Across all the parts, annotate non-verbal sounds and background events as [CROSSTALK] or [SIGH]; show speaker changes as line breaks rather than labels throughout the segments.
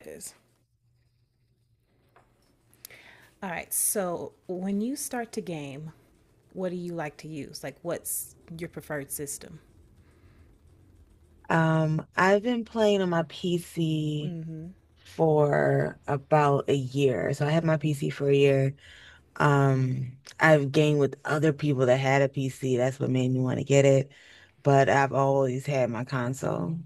It is. All right. So when you start to game, what do you like to use? Like, what's your preferred system?
I've been playing on my PC for about a year. So I had my PC for a year. I've gamed with other people that had a PC. That's what made me want to get it. But I've always had my console.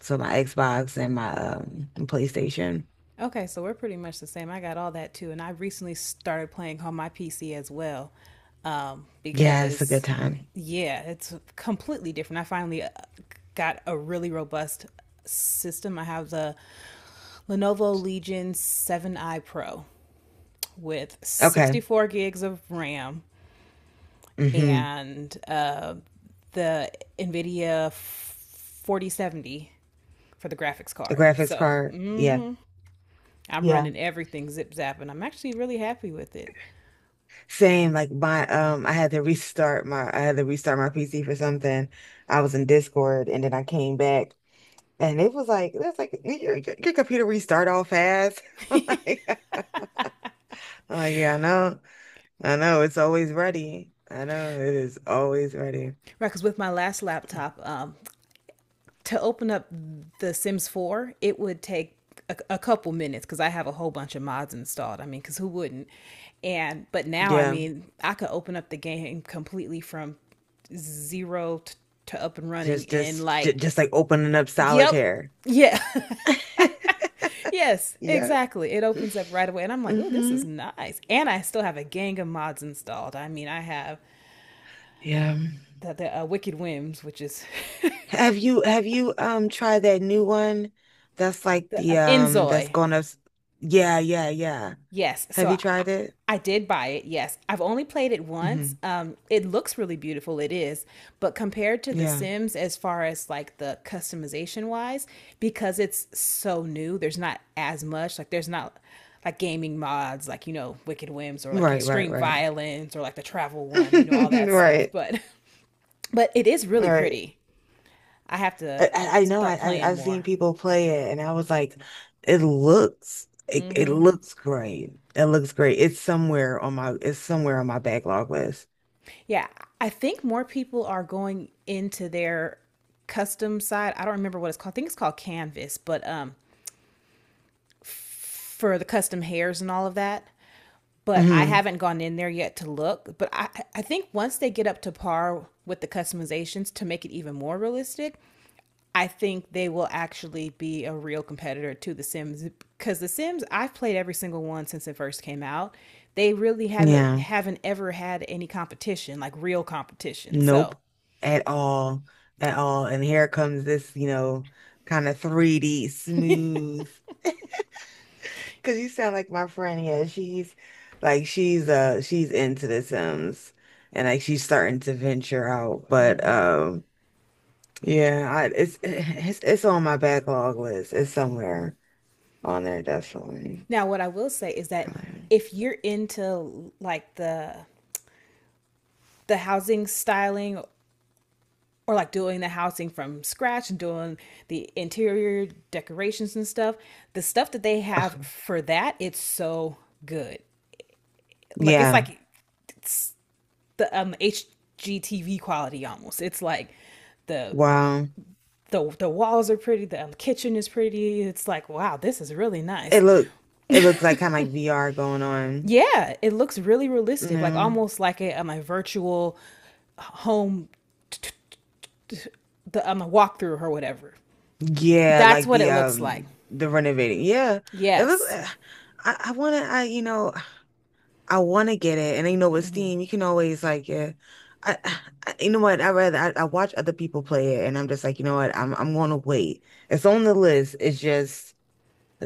So my Xbox and my PlayStation.
Okay, so we're pretty much the same. I got all that too, and I recently started playing on my PC as well,
Yeah, it's a good
because
time.
yeah, it's completely different. I finally got a really robust system. I have the Lenovo Legion 7i Pro with
Okay.
64 gigs of RAM,
Mm-hmm.
and the NVIDIA 4070 for the graphics
A
card.
graphics
So
card. Yeah.
I'm
Yeah.
running everything zip zap, and I'm actually really happy with it.
Same. Like my I had to restart my PC for something. I was in Discord and then I came back. And it was like, that's like your computer restart all fast. [LAUGHS] I Like, I'm like, Yeah, I know. I know it's always ready. I know it is always ready.
Right, because with my last laptop, to open up The Sims 4, it would take a couple minutes because I have a whole bunch of mods installed. I mean, because who wouldn't? And but now, I
Yeah.
mean, I could open up the game completely from zero t- to up and running
Just
in
just ju-
like,
just like opening up
yep,
solitaire.
yeah.
[LAUGHS]
Yes,
Yeah.
exactly. It opens up right away, and I'm like, oh, this is
hmm
nice. And I still have a gang of mods installed. I mean, I have
Yeah.
the Wicked Whims, which is [LAUGHS]
Have you tried that new one that's like
the
the that's
Enzoi.
going up s- yeah, yeah, yeah.
Yes.
Have you tried it?
I did buy it. Yes. I've only played it once.
Hmm
It looks really beautiful. It is. But compared to The
Yeah.
Sims, as far as like the customization wise, because it's so new, there's not as much. Like, there's not like gaming mods, like, you know, Wicked Whims or like
Right, right,
Extreme
right.
Violence or like the Travel One, you know, all
[LAUGHS]
that stuff.
Right.
But, [LAUGHS] but it is really
Right.
pretty. I have to
I know, I,
start
I
playing
I've seen
more.
people play it and I was like, it looks great. It looks great. It's somewhere on my it's somewhere on my backlog list.
Yeah, I think more people are going into their custom side. I don't remember what it's called. I think it's called Canvas, but for the custom hairs and all of that. But I
Hmm
haven't gone in there yet to look. But I think once they get up to par with the customizations to make it even more realistic, I think they will actually be a real competitor to The Sims because The Sims I've played every single one since it first came out. They really haven't
Yeah.
haven't ever had any competition, like real competition.
Nope.
So
At all. At all. And here comes this, you know, kind of 3D smooth. [LAUGHS] Cause you sound like my friend. Yeah, she's like she's into The Sims and like she's starting to venture out. But, yeah, I it's on my backlog list. It's somewhere on there definitely.
now, what I will say is that
Um,
if you're into like the housing styling or like doing the housing from scratch and doing the interior decorations and stuff, the stuff that they have
ugh,
for that, it's so good. Like it's
yeah.
like the HGTV quality almost. It's like the
Wow.
the walls are pretty, the kitchen is pretty. It's like, wow, this is really nice.
It look it looks kind of like VR going on.
Yeah, it looks really realistic, like
No.
almost like a virtual home, t- t- t- the a walkthrough or whatever.
Yeah,
That's
like
what it looks like.
the renovating. Yeah. It looks.
Yes.
I I wanna get it, and you know with Steam you can always like, yeah. I, I you know what I rather I watch other people play it and I'm just like, you know what, I'm gonna wait. It's on the list. It's just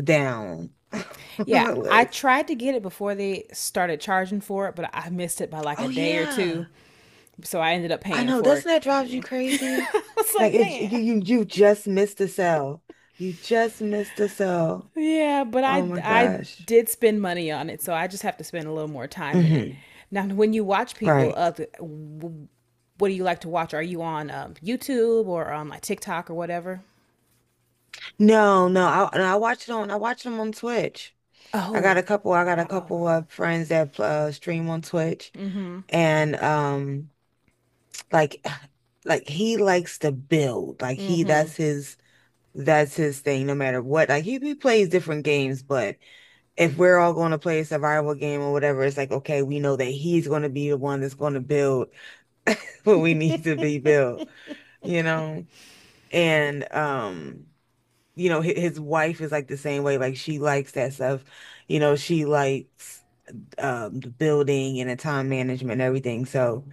down [LAUGHS] on
Yeah,
the
I
list.
tried to get it before they started charging for it, but I missed it by like a
Oh
day or two,
yeah.
so I ended up
I
paying
know,
for it.
doesn't that drive you crazy?
[LAUGHS] I was
Like
like,
it, you,
man.
you you just missed a cell. You just missed a cell.
Yeah, but
Oh
I
my
I
gosh.
did spend money on it, so I just have to spend a little more time in it.
Hmm
Now, when you watch people
Right.
other what do you like to watch? Are you on YouTube or on like TikTok or whatever?
No, no. I watch it on. I watch them on Twitch. I got a
Oh,
couple. I got a
oh,
couple of friends that stream on Twitch, and like, [SIGHS] like he likes to build. Like he, that's his. That's his thing. No matter what. Like he plays different games. But if we're all going to play a survival game or whatever, it's like, okay, we know that he's going to be the one that's going to build [LAUGHS] what we need to be built, you know? And, you know, his wife is like the same way. Like she likes that stuff. You know, she likes the building and the time management and everything. So,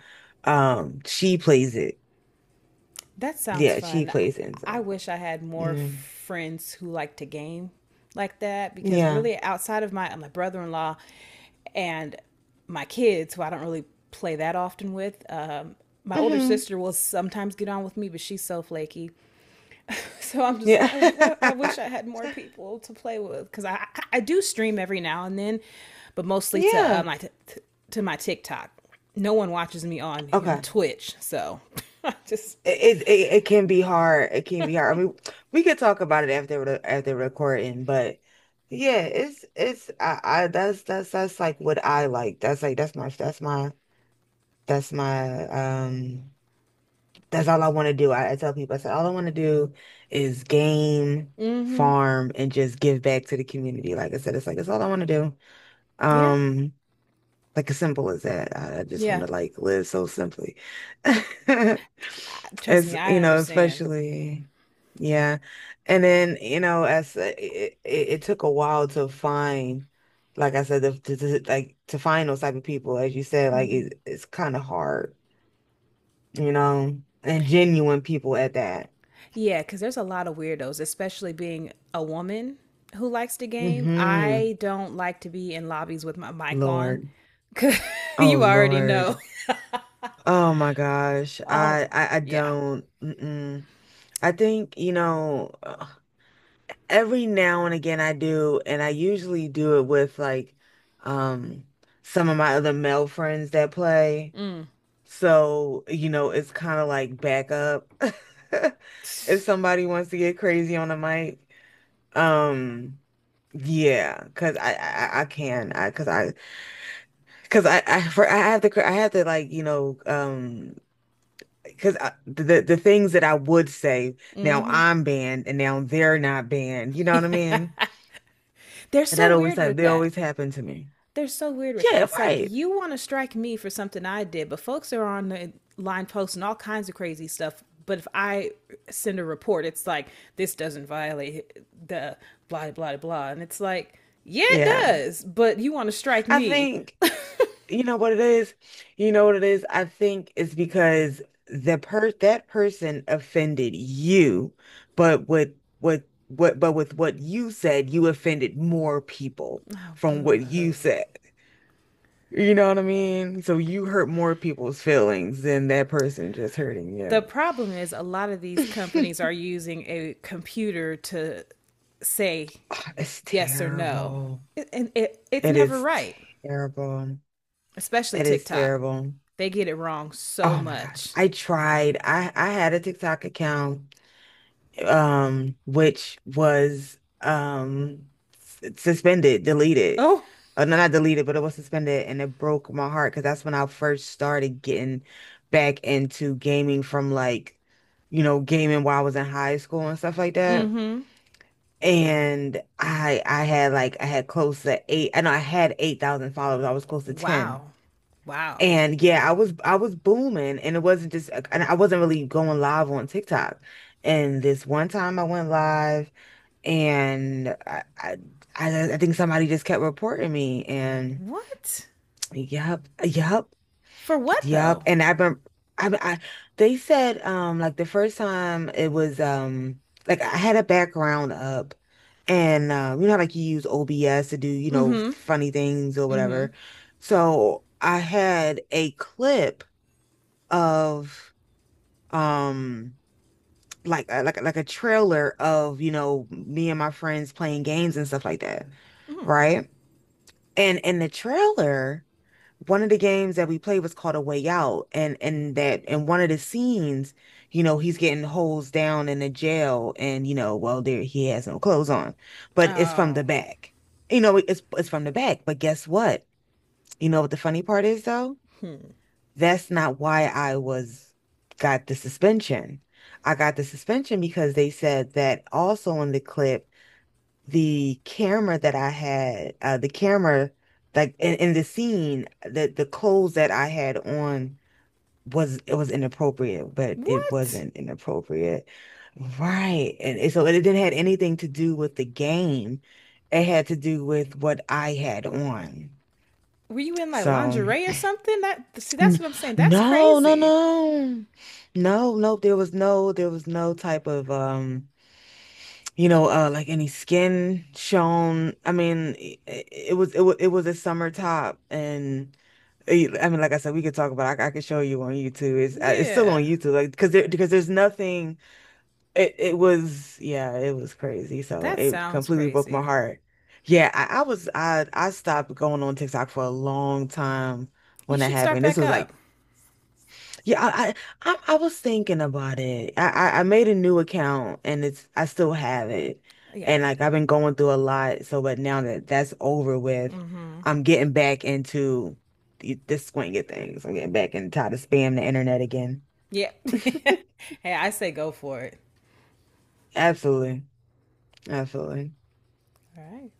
she plays it.
that sounds
Yeah, she
fun.
plays it.
I
So,
wish I had more
mm,
friends who like to game like that because
yeah.
really outside of my brother-in-law and my kids who I don't really play that often with, my older
hmm
sister will sometimes get on with me, but she's so flaky. So I'm just like,
Yeah.
I I wish I had more people to play with because I do stream every now and then, but
[LAUGHS]
mostly to
Yeah.
to my TikTok. No one watches me on you know,
Okay.
Twitch, so [LAUGHS] I just
It can be hard. It can be hard. I mean, we could talk about it after the after recording, but yeah, it's I that's like what I like. That's my, that's all I want to do. I tell people, I said, all I want to do is game,
mm-hmm.
farm, and just give back to the community. Like I said, it's like that's all I want to do.
Yeah,
Um. Like as simple as that. I just want
yeah.
to like live so simply. [LAUGHS]
I, trust
It's,
me,
you
I
know,
understand.
especially, yeah. And then, you know, as it took a while to find, like I said, the, to- like to find those type of people, as you said, like it, it's kind of hard, you know, and genuine people at that.
Yeah, because there's a lot of weirdos, especially being a woman who likes the game.
Hmm
I don't like to be in lobbies with my mic on.
Lord.
[LAUGHS]
Oh,
You already know.
Lord.
[LAUGHS]
Oh my gosh.
Oh
I,
my,
I, I
yeah.
don't. Mm-mm. I think, you know. [SIGHS] Every now and again I do, and I usually do it with like um some of my other male friends that play. So, you know, it's kind of like backup [LAUGHS] if somebody wants to get crazy on the mic. Um cuz I can. I cuz I cuz I for I have to I have to like, you know, cuz the things that I would say now
Mm.
I'm banned and now they're not banned. You know what I mean?
They're
And that
so
always,
weird
like,
with
they
that.
always happen to me.
They're so weird with that.
Yeah,
It's like
right.
you want to strike me for something I did, but folks are on the line posting all kinds of crazy stuff. But if I send a report, it's like this doesn't violate the blah blah blah, and it's like yeah, it
Yeah.
does. But you want to strike
I
me?
think, you know what it is? You know what it is? I think it's because the per that person offended you, but with what you said, you offended more people
Oh,
from
boo.
what you said. You know what I mean? So you hurt more people's feelings than that person just hurting
The
you.
problem is a lot of these companies
[LAUGHS]
are using a computer to say
Oh, it's
yes or no,
terrible.
and it's
It
never
is
right.
terrible.
Especially
It is
TikTok.
terrible.
They get it wrong so
Oh my God.
much.
I tried. I had a TikTok account which was suspended, deleted.
Oh,
Oh, no, not deleted, but it was suspended, and it broke my heart because that's when I first started getting back into gaming from like, you know, gaming while I was in high school and stuff like that. And I had like, I had close to eight, I know I had 8,000 followers. I was close to 10.
wow. Wow.
And yeah, I was booming, and it wasn't just and I wasn't really going live on TikTok. And this one time I went live and I think somebody just kept reporting me and
What?
yep, yep,
For what
yep.
though?
And I've been I They said like the first time it was like I had a background up and you know how, like you use OBS to do, you know, funny things or whatever. So I had a clip of um like like a trailer of, you know, me and my friends playing games and stuff like that, right? And in the trailer, one of the games that we played was called A Way Out, and that in one of the scenes, you know, he's getting hosed down in the jail, and you know, well, there he has no clothes on, but it's from the
Oh,
back. You know, it's from the back. But guess what? You know what the funny part is though? That's not why I was got the suspension. I got the suspension because they said that also in the clip, the camera that I had, the camera like in the scene, the clothes that I had on was it was inappropriate, but it
what?
wasn't inappropriate. Right. And so it didn't had anything to do with the game. It had to do with what I had on.
Were you in like
So
lingerie or something? That, see, that's
N-
what I'm saying. That's
No, no,
crazy.
no. No, no, there was no, there was no type of you know, like any skin shown. I mean, it was it was a summer top and eh, I mean, like I said, we could talk about it. I could show you on YouTube. It's still on
Yeah,
YouTube, like, because there because there's nothing. It was, yeah, it was crazy. So
that
it
sounds
completely broke my
crazy.
heart. Yeah, I I stopped going on TikTok for a long time
You
when that
should start
happened. This
back
was
up.
like, yeah, I was thinking about it. I made a new account and it's I still have it,
Yeah,
and like I've been going through a lot. So, but now that that's over with, I'm getting back into the squinting things. I'm getting back and tired of spam the internet again.
yeah. [LAUGHS] Hey,
[LAUGHS]
I say go for it.
Absolutely, absolutely.
All right.